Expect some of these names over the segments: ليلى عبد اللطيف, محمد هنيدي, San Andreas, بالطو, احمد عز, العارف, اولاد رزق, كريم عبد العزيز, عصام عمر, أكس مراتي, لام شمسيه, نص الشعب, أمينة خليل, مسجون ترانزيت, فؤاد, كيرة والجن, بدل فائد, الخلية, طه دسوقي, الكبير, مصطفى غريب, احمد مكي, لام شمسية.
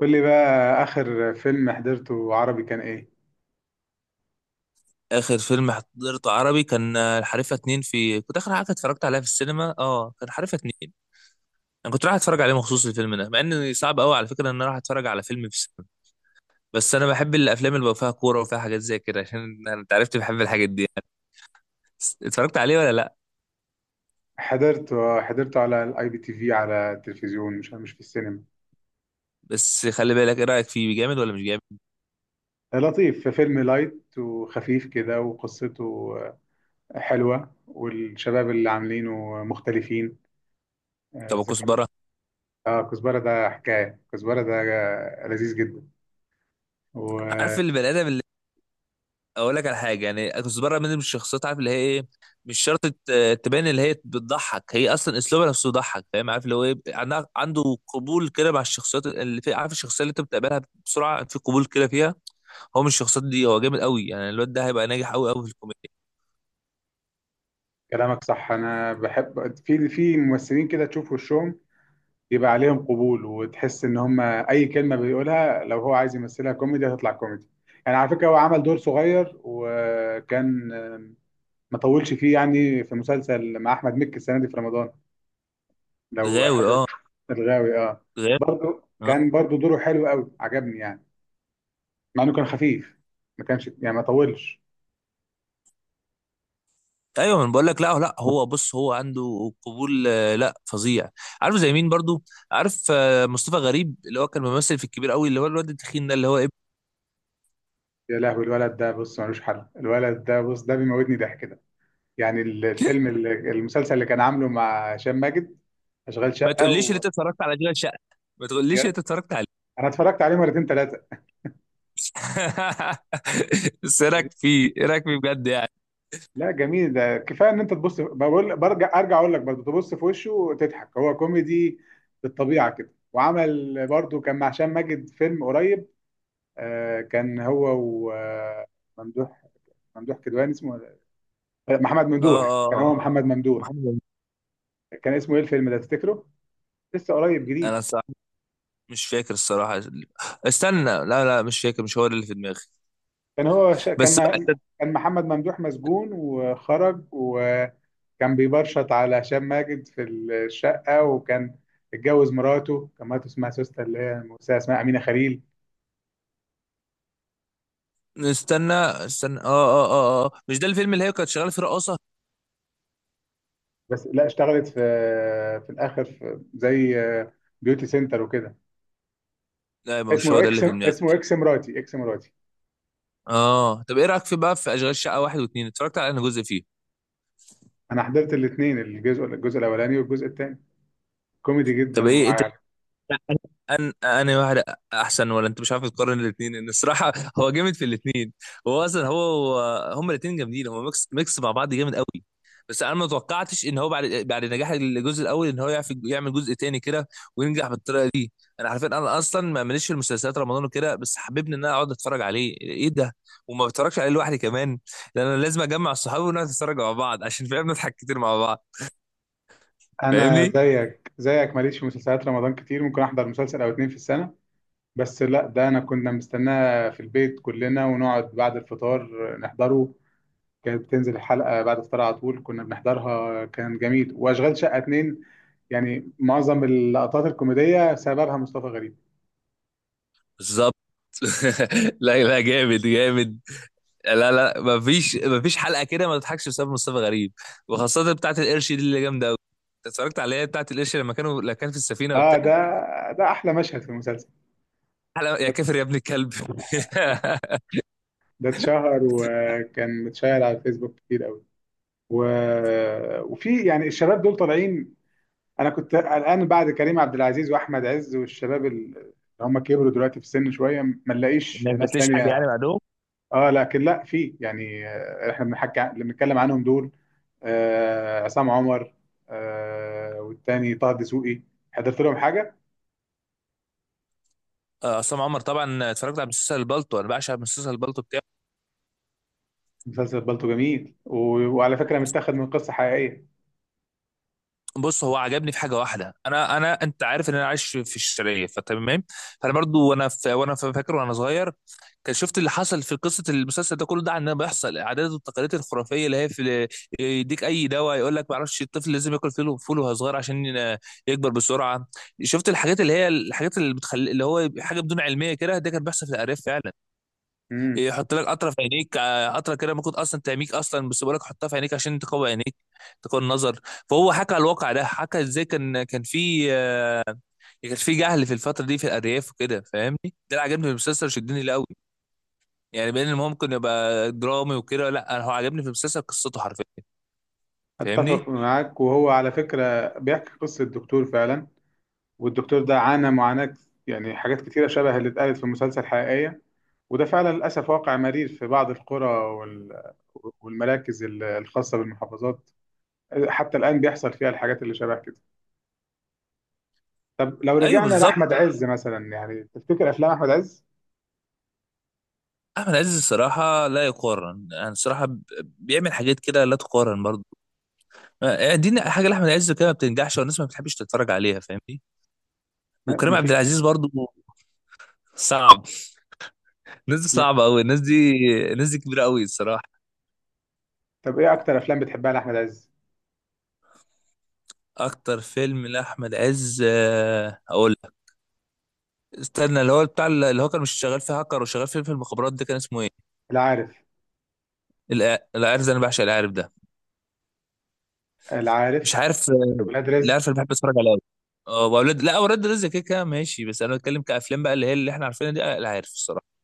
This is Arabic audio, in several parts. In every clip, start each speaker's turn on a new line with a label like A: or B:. A: قول لي بقى آخر فيلم حضرته عربي كان إيه؟
B: اخر فيلم حضرته عربي كان الحريفه اتنين. في كنت اخر حاجه اتفرجت عليها في السينما، كان الحريفه اتنين. انا كنت رايح اتفرج عليه مخصوص الفيلم ده، مع ان صعب قوي على فكره ان انا رايح اتفرج على فيلم في السينما. بس انا بحب الافلام اللي بقى فيها كوره وفيها حاجات زي كده، عشان انت عرفت بحب الحاجات دي يعني. بس اتفرجت عليه ولا لا؟
A: حضرته على الـIPTV، على التلفزيون، مش في السينما.
B: بس خلي بالك، ايه رايك فيه، جامد ولا مش جامد؟
A: لطيف، في فيلم لايت وخفيف كده، وقصته حلوة، والشباب اللي عاملينه مختلفين. آه،
B: طب
A: إذا كان
B: كزبره؟
A: آه، كزبرة ده، حكاية كزبرة ده لذيذ جدا.
B: عارف
A: وكلامك
B: البني ادم، اقول لك على حاجه. يعني كنت بره من الشخصيات، عارف اللي هي ايه. مش شرط تبان اللي هي بتضحك، هي اصلا اسلوبها نفسه يضحك، فاهم؟ عارف اللي هو ايه، عنده قبول كده مع الشخصيات اللي في. عارف الشخصيه اللي انت بتقابلها بسرعه، في قبول كده فيها، هو من الشخصيات دي. هو جامد قوي، يعني الواد ده هيبقى ناجح قوي قوي في الكوميديا.
A: صح. أنا بحب في ممثلين كده تشوف وشهم يبقى عليهم قبول، وتحس ان هم اي كلمه بيقولها لو هو عايز يمثلها كوميدي هتطلع كوميدي. يعني على فكره هو عمل دور صغير، وكان ما طولش فيه، يعني في مسلسل مع احمد مكي السنه دي في رمضان، لو
B: غاوي،
A: حضرت.
B: اه،
A: الغاوي، اه.
B: غاوي،
A: برضه
B: آه.
A: كان برضه دوره حلو قوي، عجبني يعني، مع انه كان خفيف، ما كانش يعني ما طولش.
B: ايوه انا بقول لك، لا لا، هو بص، هو عنده قبول، لا فظيع. عارف زي مين برضو؟ عارف، مصطفى غريب، اللي هو كان ممثل في الكبير قوي، اللي هو الواد التخين ده اللي هو إيه؟
A: يا لهوي، الولد ده بص ملوش حل، الولد ده بص، ده بيموتني ضحك ده. يعني المسلسل اللي كان عامله مع هشام ماجد، اشغال
B: ما
A: شقه.
B: تقوليش ان انت اتفرجت على اشغال شقه، ما تقوليش ان انت اتفرجت عليه.
A: انا اتفرجت عليه مرتين ثلاثه.
B: بس ايه رايك فيه، ايه رايك فيه بجد يعني؟
A: لا، جميل، ده كفايه ان انت تبص، بقول برجع ارجع اقول لك، برضه تبص في وشه وتضحك، هو كوميدي بالطبيعه كده. وعمل برضه، كان مع هشام ماجد فيلم قريب، آه، كان هو وممدوح. ممدوح كدواني اسمه آه، محمد ممدوح.
B: اه
A: كان
B: اه،
A: هو محمد ممدوح.
B: محمد هنيدي.
A: كان اسمه ايه الفيلم ده تفتكره؟ لسه قريب
B: انا
A: جديد.
B: الصراحه مش فاكر الصراحه. استنى، لا لا، مش فاكر، مش هو اللي في دماغي.
A: كان هو ش... كان
B: بس بقى
A: م... كان محمد ممدوح مسجون وخرج، وكان بيبرشط على هشام ماجد في الشقة، وكان اتجوز مراته. كان مراته اسمها سوسته، اللي هي الممثلة اسمها أمينة خليل.
B: استنى استنى، اه اه اه اه، مش ده الفيلم اللي هي كانت شغاله فيه رقاصه.
A: بس لا، اشتغلت في الآخر في زي بيوتي سنتر وكده.
B: لا يبقى مش هو
A: اسمه
B: ده
A: اكس،
B: اللي في دماغي.
A: اسمه اكس مراتي، اكس مراتي.
B: اه طب ايه رايك في بقى في اشغال شقه واحد واثنين؟ اتفرجت على انا جزء فيه.
A: انا حضرت الاثنين، الجزء الاولاني والجزء الثاني، كوميدي جدا
B: طب ايه،
A: ومعاك.
B: أنا واحد أحسن ولا أنت مش عارف تقارن الاثنين؟ إن الصراحة هو جامد في الاثنين. هو أصلا هو، هما الاثنين جامدين، هو ميكس ميكس مع بعض جامد قوي. بس أنا ما توقعتش إن هو بعد نجاح الجزء الأول إن هو يعرف يعمل جزء تاني كده وينجح بالطريقة دي. أنا عارفين، أنا أصلا ما ماليش في المسلسلات رمضان وكده، بس حبيبني إن أنا أقعد أتفرج عليه، إيه ده! وما بتفرجش عليه لوحدي كمان، لأن أنا لازم أجمع صحابي ونقعد نتفرج مع بعض عشان فاهم نضحك كتير مع بعض.
A: انا
B: فاهمني؟
A: زيك زيك ماليش في مسلسلات رمضان كتير، ممكن احضر مسلسل او اتنين في السنة. بس لا، ده انا كنا مستناه في البيت كلنا، ونقعد بعد الفطار نحضره. كانت بتنزل الحلقة بعد الفطار على طول، كنا بنحضرها، كان جميل. واشغال شقة اتنين يعني معظم اللقطات الكوميدية سببها مصطفى غريب.
B: بالظبط. لا لا جامد جامد، لا لا مفيش حلقه كده ما تضحكش بسبب مصطفى غريب، وخاصه بتاعه القرش دي اللي جامده قوي. انت اتفرجت عليها بتاعه القرش، لما كانوا لما كان في السفينه
A: اه،
B: وبتاع
A: ده احلى مشهد في المسلسل.
B: حلقه يا
A: ده
B: كافر يا ابن الكلب.
A: ده اتشهر وكان متشاهر على الفيسبوك كتير قوي. و... وفي يعني الشباب دول طالعين. انا كنت قلقان بعد كريم عبد العزيز واحمد عز والشباب اللي هم كبروا دلوقتي في السن شوية، ما نلاقيش
B: ما
A: ناس
B: فاتليش حاجه يعني
A: تانية.
B: بعدهم.
A: اه، لكن لا، في يعني، احنا بنحكي اللي بنتكلم عنهم دول، عصام عمر، والتاني طه دسوقي. حضرت لهم حاجه؟
B: عصام عمر طبعا اتفرجت على مسلسل البلطو، انا بعشق مسلسل البلطو بتاعه.
A: مسلسل بالطو جميل، و- وعلى فكره متاخد من قصه حقيقيه.
B: بص هو عجبني في حاجه واحده، انا انا انت عارف ان انا عايش في الشرقيه فتمام. فانا برضو فاكر وانا صغير، كان شفت اللي حصل في قصه المسلسل ده كله. ده عندنا بيحصل، العادات والتقاليد الخرافيه اللي هي في، يديك اي دواء، يقول لك ما اعرفش الطفل لازم ياكل فول فول وهو صغير عشان يكبر بسرعه. شفت الحاجات اللي هي الحاجات اللي بتخلي اللي هو حاجه بدون علميه كده، ده كان بيحصل في الارياف فعلا.
A: امم.
B: يحط لك قطره في عينيك، قطره كده ممكن اصلا تعميك اصلا، بس بيقول لك حطها في عينيك عشان تقوي عينيك، تقوي النظر. فهو حكى على الواقع ده، حكى ازاي كان في، كان في جهل في الفتره دي في الارياف وكده، فاهمني؟ ده اللي عجبني في المسلسل، شدني ليه قوي، يعني بين ان هو ممكن يبقى درامي وكده، لا انا هو عجبني في المسلسل قصته حرفيا. فاهمني.
A: اتفق معاك. وهو على فكره بيحكي قصه الدكتور فعلا، والدكتور ده عانى معاناه، يعني حاجات كتيره شبه اللي اتقالت في المسلسل حقيقيه. وده فعلا للاسف واقع مرير في بعض القرى والمراكز الخاصه بالمحافظات، حتى الآن بيحصل فيها الحاجات اللي شبه كده. طب لو
B: ايوه
A: رجعنا
B: بالظبط.
A: لاحمد عز مثلا، يعني تفتكر افلام احمد عز
B: احمد عز الصراحه لا يقارن، يعني الصراحه بيعمل حاجات كده لا تقارن برضه. يعني دي حاجه لاحمد عز كده ما بتنجحش، والناس ما بتحبش تتفرج عليها، فاهمني؟
A: ما
B: وكريم
A: ما
B: عبد
A: في
B: العزيز برضو صعب، الناس دي
A: ما
B: صعبة أوي، الناس دي، الناس دي كبيرة أوي الصراحة.
A: طب ايه اكتر افلام بتحبها لاحمد عز؟
B: أكتر فيلم لأحمد عز، أقول لك. استنى، اللي هو بتاع اللي هو كان مش شغال فيه هاكر وشغال فيه في المخابرات ده، كان اسمه إيه؟
A: العارف.
B: العارف ده، أنا بعشق العارف ده.
A: العارف،
B: مش عارف،
A: ولاد رزق.
B: العارف اللي بحب أتفرج عليه أوي، أه. وأولاد، لا، أولاد رزق كده كده ماشي، بس أنا بتكلم كأفلام بقى اللي هي اللي إحنا عارفينها دي، العارف الصراحة.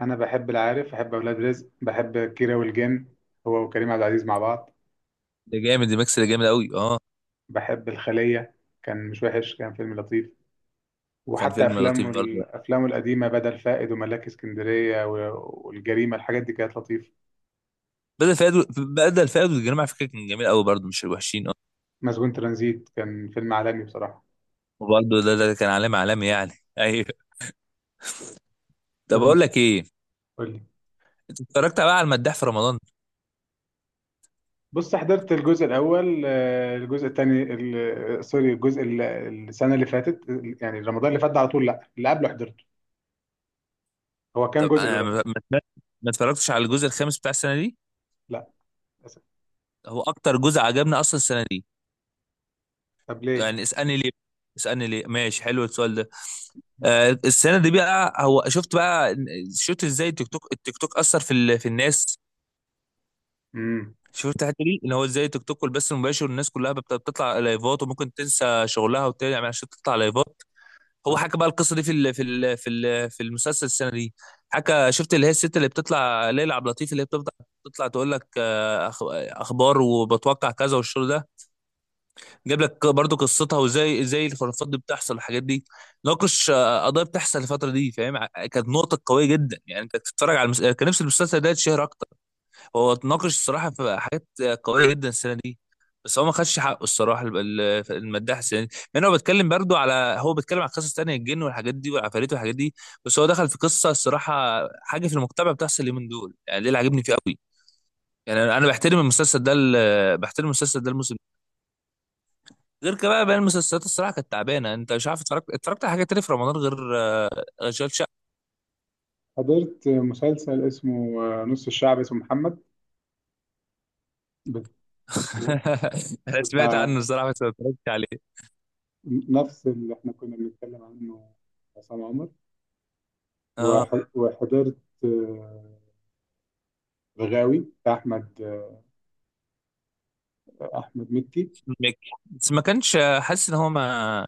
A: انا بحب العارف، بحب اولاد رزق، بحب كيرة والجن هو وكريم عبد العزيز مع بعض.
B: ده جامد، دي ميكس، ده جامد أوي أه.
A: بحب الخلية، كان مش وحش، كان فيلم لطيف.
B: كان
A: وحتى
B: فيلم لطيف
A: افلامه
B: برضه.
A: افلامه القديمه، بدل فائد وملاك اسكندريه و- والجريمه، الحاجات دي كانت لطيفه.
B: بدل فؤاد، بدل فؤاد والجريمة على فكرة كان جميل أوي برضه، مش الوحشين أه.
A: مسجون ترانزيت كان فيلم عالمي بصراحه.
B: وبرضه ده ده كان علامة علامة، يعني أيوه. طب اقول لك ايه،
A: قول.
B: انت اتفرجت بقى على المداح في رمضان؟
A: بص، حضرت الجزء الاول. آه، الجزء الثاني سوري، الجزء السنه اللي فاتت، يعني رمضان اللي فات ده على طول. لا، اللي قبله حضرته. هو كام
B: طب
A: جزء ده
B: انا
A: بقى؟
B: ما- ما اتفرجتش على الجزء الخامس بتاع السنه دي.
A: لا، للأسف.
B: هو اكتر جزء عجبني اصلا السنه دي.
A: طب ليه؟
B: يعني اسالني ليه، اسالني ليه، ماشي حلو السؤال ده. آه السنه دي بقى، هو شفت بقى، شفت ازاي التيك توك اثر في الناس؟
A: امم.
B: شفت الحته دي، ان هو ازاي التيك توك والبث المباشر الناس كلها بتطلع لايفات وممكن تنسى شغلها وتعمل عشان تطلع لايفات. هو حكى بقى القصه دي في المسلسل السنه دي. حكى، شفت اللي هي الست اللي بتطلع، ليلى عبد اللطيف، اللي هي بتطلع بتطلع تقول لك، اخبار وبتوقع كذا والشغل ده. جاب لك برضو قصتها، وازاي ازاي الخرافات دي بتحصل والحاجات دي. ناقش، قضايا بتحصل الفتره دي، فاهم، كانت نقطه قويه جدا. يعني انت بتتفرج على كان نفس المسلسل ده يتشهر اكتر. هو اتناقش الصراحه في حاجات قويه جدا السنه دي، بس هو ما خدش حقه الصراحه، المداح السنه دي. لان هو بيتكلم برضو على، هو بيتكلم عن قصص تانية، الجن والحاجات دي والعفاريت والحاجات دي، بس هو دخل في قصه الصراحه حاجه في المجتمع بتحصل اليومين دول، يعني ده اللي عاجبني فيه قوي. يعني أنا بحترم المسلسل ده، بحترم المسلسل ده الموسم ده. غير كده بقى، باقي المسلسلات الصراحه كانت تعبانه. انت مش عارف اتفرجت على حاجه تانية في رمضان غير، غير اشغال شقه؟
A: حضرت مسلسل اسمه نص الشعب اسمه محمد، بت-
B: انا سمعت عنه
A: بتاع
B: الصراحه بس ما اتفرجتش عليه.
A: نفس اللي احنا كنا بنتكلم عنه، عصام عمر.
B: اه
A: وحضرت آه، غاوي بتاع احمد، احمد مكي.
B: ميك. بس ما كانش حاسس ان هو ما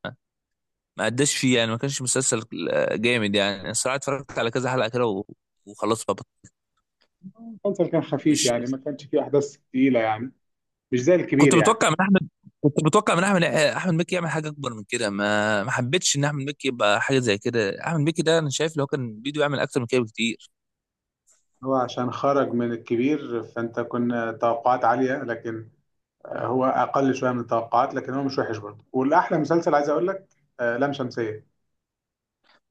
B: ما قداش فيه يعني، ما كانش مسلسل جامد يعني الصراحه. اتفرجت على كذا حلقه كده وخلاص بقى،
A: المسلسل كان خفيف،
B: مش
A: يعني ما كانش فيه احداث تقيله يعني، مش زي الكبير
B: كنت
A: يعني.
B: متوقع من احمد كنت متوقع من احمد احمد مكي يعمل حاجه اكبر من كده. ما حبيتش ان احمد مكي يبقى حاجه زي كده، احمد مكي ده انا شايف لو كان بيدو يعمل اكتر من كده بكتير.
A: هو عشان خرج من الكبير فانت كنا توقعات عالية، لكن هو اقل شوية من التوقعات، لكن هو مش وحش برضه. والاحلى مسلسل عايز اقول لك، لام شمسية.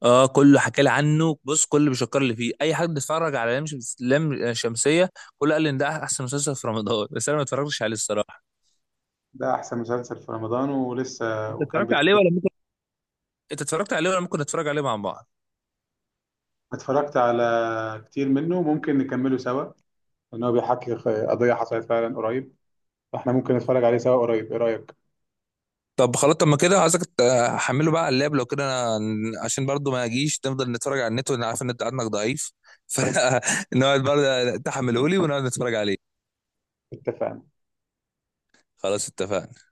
B: اه كله حكى لي عنه، بص كله بيشكر لي فيه، اي حد اتفرج على لام شمسيه، كله قال لي ان ده احسن مسلسل في رمضان، بس انا ما اتفرجتش عليه الصراحه.
A: ده احسن مسلسل في رمضان ولسه
B: انت
A: وكان
B: اتفرجت عليه
A: بيتكلم.
B: ولا ممكن انت اتفرجت عليه ولا ممكن نتفرج عليه مع بعض؟
A: اتفرجت على كتير منه، ممكن نكمله سوا، لان هو بيحكي قضية حصلت فعلا قريب. فاحنا ممكن نتفرج عليه سوا قريب. ايه رأيك؟
B: طب خلاص، طب ما كده عايزك تحمله بقى على اللاب لو كده، أنا عشان برضو ما اجيش نفضل نتفرج على النت، وانا عارف ان انت عندك ضعيف. فنقعد برضه تحمله لي ونقعد نتفرج عليه.
A: اتفقنا.
B: خلاص اتفقنا.